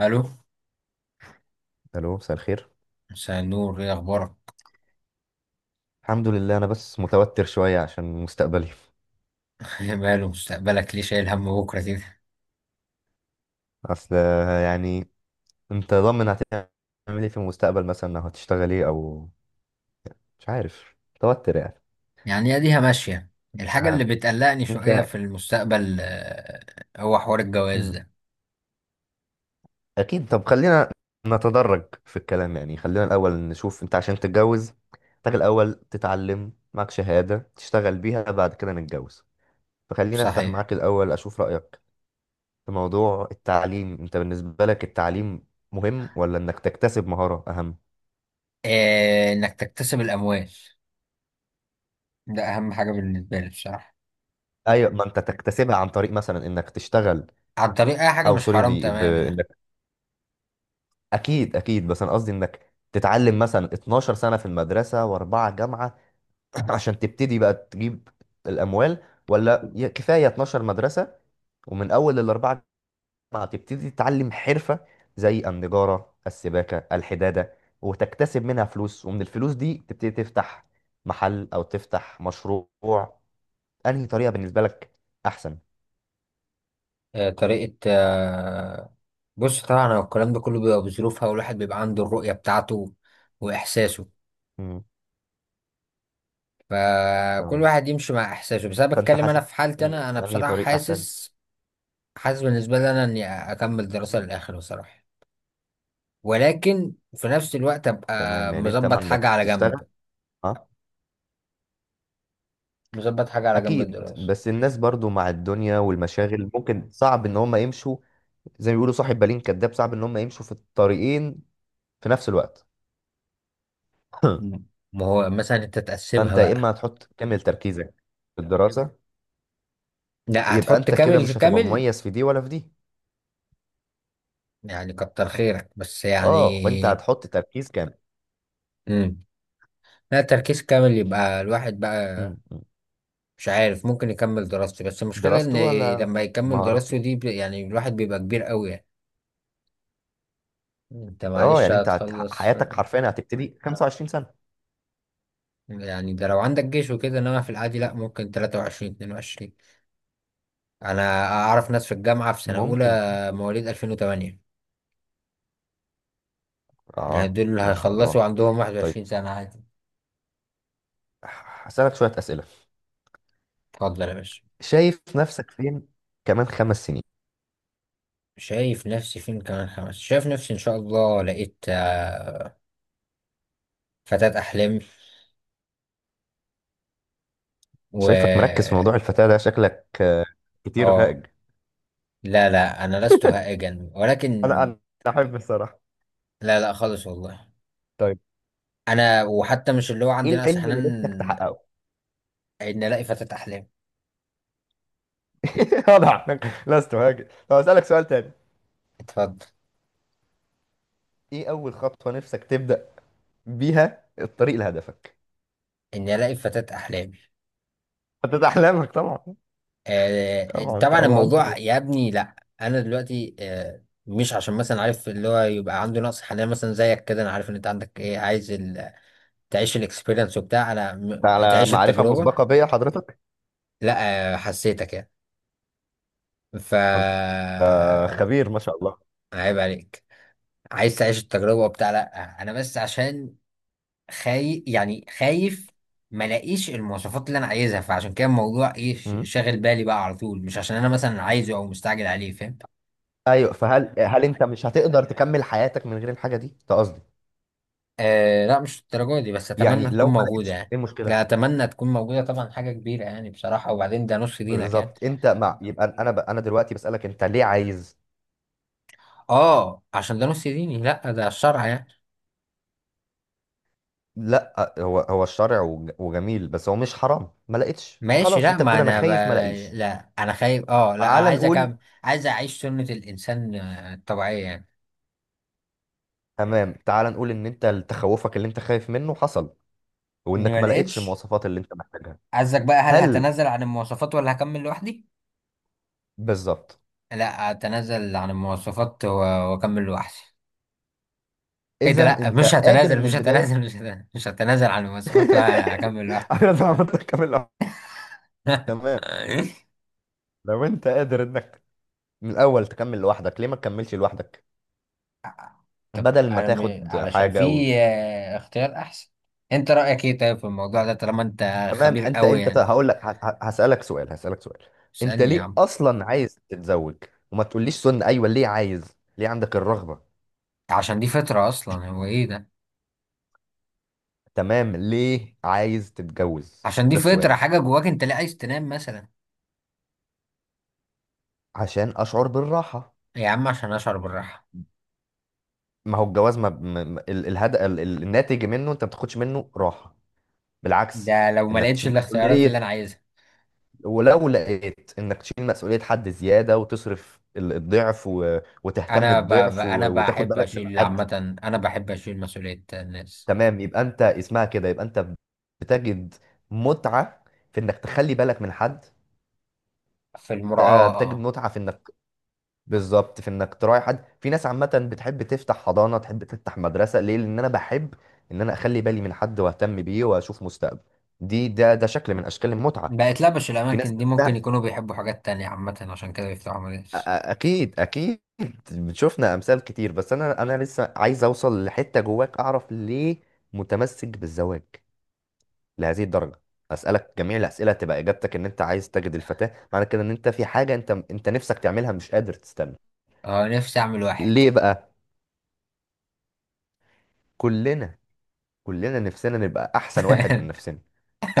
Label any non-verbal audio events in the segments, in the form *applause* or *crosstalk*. الو، الو، مساء الخير. مساء النور. ايه اخبارك؟ الحمد لله، انا بس متوتر شويه عشان مستقبلي. *laughs* ماله مستقبلك ليه شايل هم بكره كده؟ *laughs* اصل يعني انت ضامن هتعمل ايه في المستقبل مثلا، او هتشتغل ايه، او مش عارف، متوتر يعني. يعني اديها ماشيه. الحاجه اللي آه، بتقلقني شويه في انت. المستقبل هو حوار الجواز مم. ده. اكيد. طب خلينا نتدرج في الكلام، يعني خلينا الاول نشوف، انت عشان تتجوز محتاج الاول تتعلم، معك شهاده تشتغل بيها، بعد كده نتجوز. فخلينا افتح صحيح. معاك الاول اشوف رايك في موضوع التعليم. انت بالنسبه لك التعليم مهم، ولا انك تكتسب مهاره اهم؟ انك تكتسب الاموال، ده اهم حاجه بالنسبه لي بصراحه. ايوه، ما انت تكتسبها عن طريق مثلا انك تشتغل، عن طريق اي حاجه او مش سوري حرام، دي تمام يعني. انك اكيد اكيد، بس انا قصدي انك تتعلم مثلا 12 سنه في المدرسه، واربعه جامعه، *clears throat* عشان تبتدي بقى تجيب الاموال، ولا كفايه 12 مدرسه، ومن اول الاربعه جامعه تبتدي تتعلم حرفه زي النجاره، السباكه، الحداده، وتكتسب منها فلوس، ومن الفلوس دي تبتدي تفتح محل او تفتح مشروع؟ انهي طريقه بالنسبه لك احسن؟ طريقه بص، طبعا هو الكلام ده كله بيبقى بظروفها، والواحد بيبقى عنده الرؤيه بتاعته واحساسه، امم، فكل تمام. واحد يمشي مع احساسه. بس انا فانت بتكلم انا حاسس في حالتي، ان انا انهي بصراحه طريق احسن؟ حاسس. حاسس بالنسبة لي أنا إني أكمل دراسة مم. للآخر بصراحة، ولكن في نفس الوقت أبقى تمام، يعني انت ما مظبط حاجة عندك على جنب. تشتغل؟ اه، مظبط حاجة على جنب اكيد، الدراسة. بس الناس برضو مع الدنيا والمشاغل ممكن صعب ان هم يمشوا، زي ما بيقولوا صاحب بالين كداب، صعب ان هم يمشوا في الطريقين في نفس الوقت. *coughs* مم. ما هو مثلا أنت *laughs* تقسمها فانت يا اما بقى. هتحط كامل تركيزك في الدراسة، لا، يبقى هتحط انت كده كامل مش هتبقى كامل، مميز في دي ولا في دي. يعني كتر خيرك بس اه، وانت يعني. هتحط تركيز كامل. مم. لا، تركيز كامل. يبقى الواحد بقى مم. مم. مش عارف ممكن يكمل دراسته، بس المشكلة دراسته، إن ولا لما يكمل مهارات؟ دراسته دي يعني الواحد بيبقى كبير أوي يعني. أنت اه، معلش يعني انت هتخلص. حياتك حرفيا هتبتدي 25 سنة. يعني ده لو عندك جيش وكده، انما في العادي لا، ممكن 23 22. انا اعرف ناس في الجامعة في سنة اولى ممكن. مواليد 2008، يعني اه، دول اللي ما شاء الله. هيخلصوا عندهم 21 طيب، سنة عادي. ه- هسألك شوية أسئلة. اتفضل يا باشا. شايف نفسك فين كمان خمس سنين؟ شايف نفسي فين كمان 5، شايف نفسي ان شاء الله لقيت فتاة احلامي و شايفك مركز في موضوع الفتاة ده، شكلك كتير اه. هائج. لا لا، انا لست هائجا ولكن. انا احب الصراحة. لا لا خالص والله. طيب، انا وحتى مش اللي هو ايه عندي نقص الحلم اللي نفسك حنان. تحققه؟ ان الاقي فتاة احلامي. *laughs* واضح انك لست هاجد. طب اسالك سؤال تاني، اتفضل. ايه اول خطوة نفسك تبدأ بيها الطريق لهدفك؟ اني الاقي فتاة احلامي. حدد احلامك طبعا. طبعا طبعا طبعا الموضوع طبعا. يا ابني لا. انا دلوقتي مش عشان مثلا عارف اللي هو يبقى عنده نقص حنان مثلا زيك كده، انا عارف ان انت عندك ايه، عايز تعيش الاكسبيرينس وبتاع، أنت على تعيش معرفة التجربه. مسبقة بيا حضرتك؟ لا، حسيتك يعني ف انت خبير، ما شاء عيب عليك عايز تعيش التجربه وبتاع. لا انا بس عشان خايف، يعني خايف ما الاقيش المواصفات اللي انا عايزها، فعشان كده الموضوع ايه الله. شاغل بالي بقى على طول، مش عشان انا مثلا عايزه او مستعجل عليه، فاهم؟ ايوه، فهل انت مش هتقدر تكمل حياتك من غير الحاجه دي؟ ده قصدي، آه لا، مش الدرجة دي، بس يعني أتمنى تكون لو ما موجودة لقيتش، يعني. ايه المشكله؟ لا أتمنى تكون موجودة طبعا، حاجة كبيرة يعني بصراحة، وبعدين ده نص دينك يعني. بالظبط. انت مع، يبقى انا انا دلوقتي بسالك انت ليه عايز. آه، عشان ده نص ديني، لا ده الشرع يعني. لا، هو الشرع، وجميل، بس هو مش حرام ما لقيتش، ماشي، فخلاص. انت بتقول انا خايف ما لاقيش، لا أنا خايف، آه لا أنا تعال عايز أكمل. نقول، عايز أعيش سنة الإنسان الطبيعية يعني. تمام، تعال نقول ان انت تخوفك اللي انت خايف منه حصل، إني وانك ما ما لقيتش لقيتش، المواصفات اللي انت محتاجها. عايزك بقى هل هل، هتنازل عن المواصفات ولا هكمل لوحدي؟ بالظبط، لا أتنازل عن المواصفات و- وأكمل لوحدي. إيه ده، اذا لا انت مش قادر هتنازل من مش البدايه. هتنازل *laughs* مش هتنازل, مش هتنازل عن المواصفات وهكمل لوحدي. انا عملت كامل. *laughs* تمام، لو انت قادر انك من الاول تكمل لوحدك، ليه ما تكملش لوحدك، طب بدل ما على تاخد علشان حاجه في اختيار احسن. انت رأيك ايه طيب في الموضوع ده طالما انت تمام. خبير قوي يعني؟ هقول لك، هسالك سؤال، هسالك سؤال، انت اسألني يا ليه عم. اصلا عايز تتزوج؟ وما تقوليش سن. ايوه، ليه عايز، ليه عندك الرغبه. عشان دي فطرة اصلا، هو ايه ده. تمام، ليه عايز تتجوز؟ عشان دي ده فطرة، السؤال. حاجة جواك، انت لا عايز تنام مثلا؟ عشان اشعر بالراحه. يا عم عشان اشعر بالراحة. ما هو الجواز، ما ال... الهد... ال... ال- الناتج منه انت ما بتاخدش منه راحه، بالعكس، ده لو ما انك لقيتش تشيل الاختيارات اللي انا مسؤوليه، عايزها. ولو لقيت انك تشيل مسؤولية حد زيادة، وتصرف الضعف وتهتم انا ب... ب- الضعف انا وتاخد بحب بالك من اشيل حد. عامة، انا بحب اشيل مسؤولية الناس. تمام، يبقى انت اسمها كده، يبقى انت بتجد متعة في انك تخلي بالك من حد. في ت- المراعاة بتجد اه. متعة في انك، بالظبط، في انك تراعي حد. في ناس عامة بتحب تفتح حضانة، تحب تفتح مدرسة، ليه؟ لان انا بحب ان انا اخلي بالي من حد واهتم بيه واشوف مستقبل. دي، ده ده شكل من اشكال المتعة. بقت لبش في ناس الاماكن دي ممكن يكونوا بيحبوا حاجات تانية عامة، عشان كده بيفتحوا أ- أ- مدارس. اكيد اكيد، شفنا امثال كتير، بس انا لسه عايز اوصل لحته جواك، اعرف ليه متمسك بالزواج لهذه الدرجه. اسالك جميع الاسئله تبقى اجابتك ان انت عايز تجد الفتاه، معنى كده ان انت في حاجه انت انت نفسك تعملها، مش قادر تستنى اه، نفسي اعمل واحد. ليه بقى؟ كلنا كلنا نفسنا نبقى احسن واحد *laughs* من نفسنا،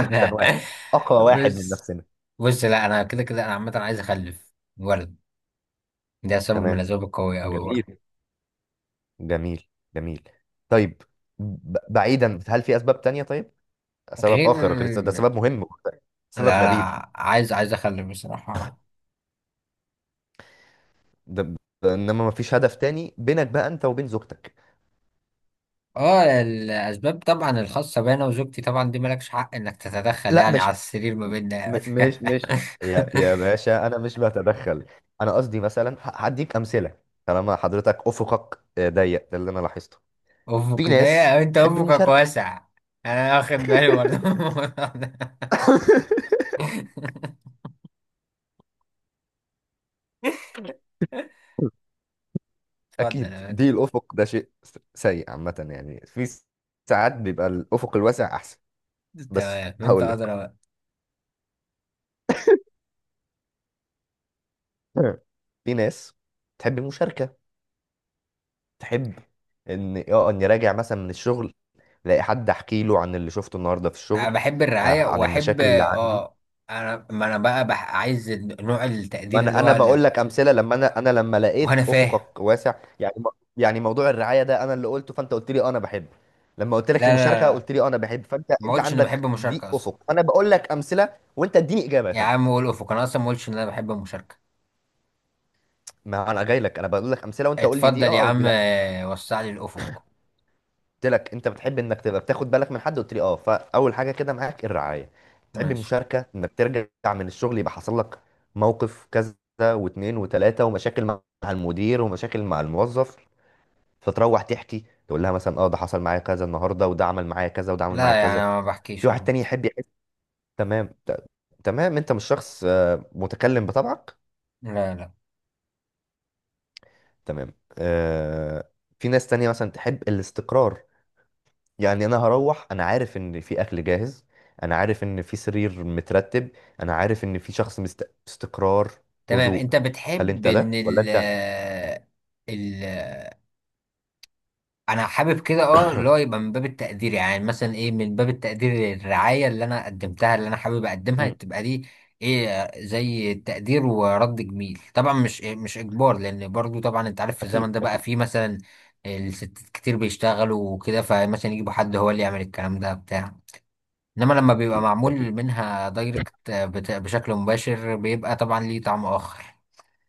احسن واحد، اقوى واحد من بس، نفسنا. بص لا، انا كده كده انا عامه عايز اخلف ولد، ده سبب من تمام، الاسباب القويه قوي برضه. جميل جميل جميل. طيب، بعيدا، هل في اسباب تانية؟ طيب، سبب غير. آخر غير ده سبب مهم، لا سبب نبيل. لا، عايز عايز اخلف بصراحه. ده، ده إنما ما فيش هدف تاني بينك بقى أنت وبين زوجتك؟ اه الاسباب طبعا الخاصه بينا وزوجتي طبعا دي مالكش حق انك تتدخل، لا، يعني مش، على السرير ما بيننا يعني. مش مش، *laughs* يا يا باشا أنا مش بتدخل، أنا قصدي مثلا هديك أمثلة. طالما حضرتك أفقك ضيق، ده اللي أنا لاحظته. في افق ده. ناس انت تحب افقك المشاركة. واسع، انا واخد بالي برضه من الموضوع ده. *laughs* *laughs* اتفضل أكيد يا بنت. دي، الأفق ده شيء سيء عامة، يعني في ساعات بيبقى الأفق الواسع أحسن، بس تمام انت هقول لك. ادرى. *clears throat* *laughs* في ناس تحب المشاركة، تحب ان، اه، اني راجع مثلا من الشغل الاقي حد احكي له عن اللي شفته النهارده في أنا الشغل، بحب الرعاية عن وأحب المشاكل اللي عندي. آه. أنا ما أنا بقى بح... عايز نوع ما التقدير انا اللي انا هو لا. بقول لك امثله لما انا لما لقيت وأنا فاهم. افقك واسع، يعني يعني موضوع الرعايه ده انا اللي قلته، فانت قلت لي انا بحب، لما قلت لك لا لا المشاركه لا، قلت لي انا بحب، فانت ما انت أقولش إني بحب عندك دي المشاركة أصلا. افق. انا بقول لك امثله وانت اديني اجابه يا يا فندم. عم قول أفق، أنا أصلا ما أقولش إن أنا بحب المشاركة. ما انا جاي لك انا بقول لك امثله وانت قول لي دي اتفضل يا اه او دي عم، لا. وسع لي الأفق. قلت لك انت بتحب انك تبقى بتاخد بالك من حد، قلت لي اه، فاول حاجه كده معاك الرعايه. بتحب ماشي. المشاركه انك ترجع من الشغل، يبقى حصل لك موقف كذا واتنين وتلاته ومشاكل مع المدير ومشاكل مع الموظف، فتروح تحكي تقول لها مثلا اه ده حصل معايا كذا النهارده وده عمل معايا كذا وده عمل معايا لا يعني أنا كذا. ما في بحكيش واحد عامة. تاني يحب يحس، تمام. تمام، انت مش شخص متكلم بطبعك. لا لا. تمام. في ناس تانية مثلا تحب الاستقرار، يعني انا هروح انا عارف ان في اكل جاهز، انا عارف ان في سرير مترتب، انا عارف ان في شخص استقرار، تمام هدوء. أنت هل بتحب انت إن ده ولا ال انت؟ ال انا حابب كده اه اللي هو يبقى من باب التقدير، يعني مثلا ايه، من باب التقدير للرعاية اللي انا قدمتها اللي انا حابب اقدمها مم. تبقى دي ايه، زي تقدير ورد جميل طبعا، مش اجبار، لان برضو طبعا انت عارف في الزمن اكيد ده بقى اكيد فيه مثلا الستات كتير بيشتغلوا وكده، فمثلا يجيبوا حد هو اللي يعمل الكلام ده بتاع، انما لما بيبقى اكيد معمول اكيد منها دايركت، بشكل مباشر بيبقى طبعا ليه طعم اخر.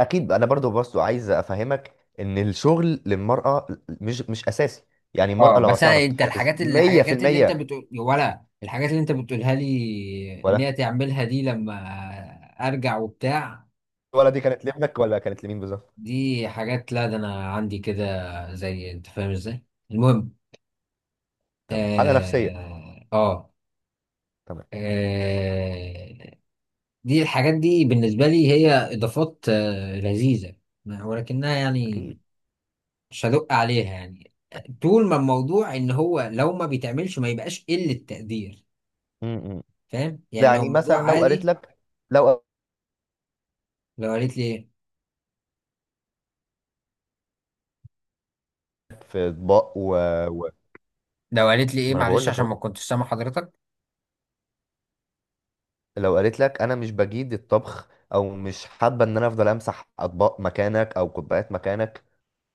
اكيد، انا برضو برضو عايز افهمك ان الشغل للمرأة مش مش اساسي، يعني اه المرأة لو بس أنا، هتعرف انت تحافظ الحاجات الحاجات اللي انت 100%. بتقول ولا الحاجات اللي انت بتقولها لي ان ولا، هي تعملها دي لما ارجع وبتاع؟ ولا دي كانت لابنك ولا كانت لمين بالظبط؟ دي حاجات، لا ده انا عندي كده، زي انت فاهم ازاي، المهم. تمام، حالة نفسية. اه اه. تمام، آه، دي الحاجات دي بالنسبة لي هي اضافات لذيذة، ولكنها يعني اكيد. مش هدق عليها يعني. طول ما الموضوع ان هو لو ما بيتعملش ما يبقاش قلة تقدير، مم. مم. فاهم؟ يعني لو يعني الموضوع مثلا لو قالت عادي. لك، لو لو قالت لي ايه. في اطباق و... لو قالت لي ايه ما انا بقول معلش لك عشان اهو، ما كنتش سامع حضرتك. لو قالت لك انا مش بجيد الطبخ، او مش حابه ان انا افضل امسح اطباق مكانك او كوبايات مكانك،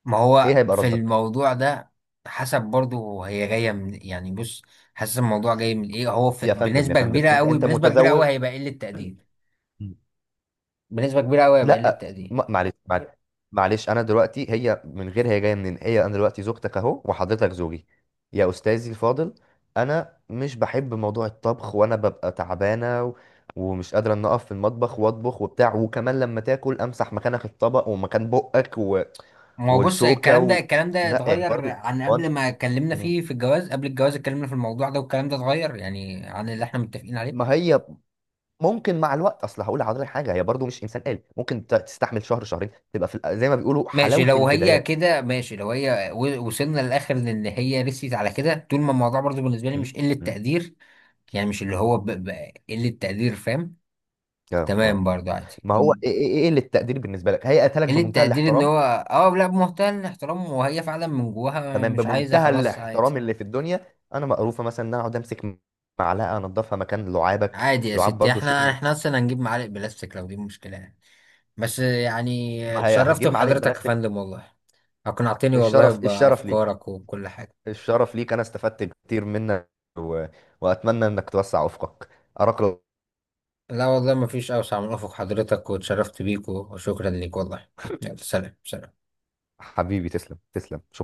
ما ايه هو هيبقى في ردك؟ الموضوع ده حسب برضه هي جايه من إيه. يعني بص، حسب الموضوع جاي من ايه. هو في يا فندم يا بنسبه فندم، كبيره انت قوي، انت بنسبه كبيره قوي متزوج؟ هيبقى قله تقدير. بنسبه كبيره قوي هيبقى قله لا تقدير. معلش معلش معلش، انا دلوقتي، هي من غير هي جايه منين، هي، انا دلوقتي زوجتك اهو وحضرتك زوجي، يا استاذي الفاضل، انا مش بحب موضوع الطبخ، وانا ببقى تعبانه ومش قادره ان اقف في المطبخ واطبخ وبتاع، وكمان لما تاكل امسح مكانك الطبق ومكان بقك ما هو بص والشوكه الكلام ده، الكلام ده لا يعني، اتغير برضو، عن قبل ما اتكلمنا مم. فيه، في الجواز قبل الجواز اتكلمنا في الموضوع ده والكلام ده اتغير يعني عن اللي احنا متفقين عليه. ما هي، ممكن مع الوقت، اصل هقول لحضرتك حاجه، هي برضو مش انسان آلي، ممكن تستحمل شهر شهرين، تبقى في زي ما بيقولوا ماشي حلاوه لو هي البدايات. كده، ماشي لو هي وصلنا للاخر ان هي رسيت على كده، طول ما الموضوع برضه بالنسبه لي مم. مش قله مم. تقدير. يعني مش اللي هو قلة تقدير، فاهم؟ اه تمام، اه. برضه عادي. ما هو ايه ايه، إيه اللي التقدير بالنسبه لك؟ هي قتلك قلة بمنتهى تقدير ان الاحترام. هو اه، لا بمنتهى الاحترام وهي فعلا من جواها تمام، مش عايزة، بمنتهى خلاص عادي. الاحترام اللي في الدنيا، انا مقروفه مثلا ان انا اقعد امسك معلقه انضفها مكان لعابك. عادي يا لعاب ستي، برضو احنا شيء. احنا اصلا هنجيب معالق بلاستيك لو دي مشكلة يعني. بس يعني ما هي اتشرفت هتجيب معلقه بحضرتك يا بلاستيك. فندم والله، اقنعتني والله الشرف، الشرف ليه، بأفكارك وكل حاجة. الشرف ليك. انا استفدت كتير منك و... واتمنى انك توسع افقك. اراك. لا والله مفيش أوسع من أفق حضرتك، واتشرفت بيك وشكرا ليك والله. يلا سلام سلام. حبيبي، تسلم تسلم، شكرا.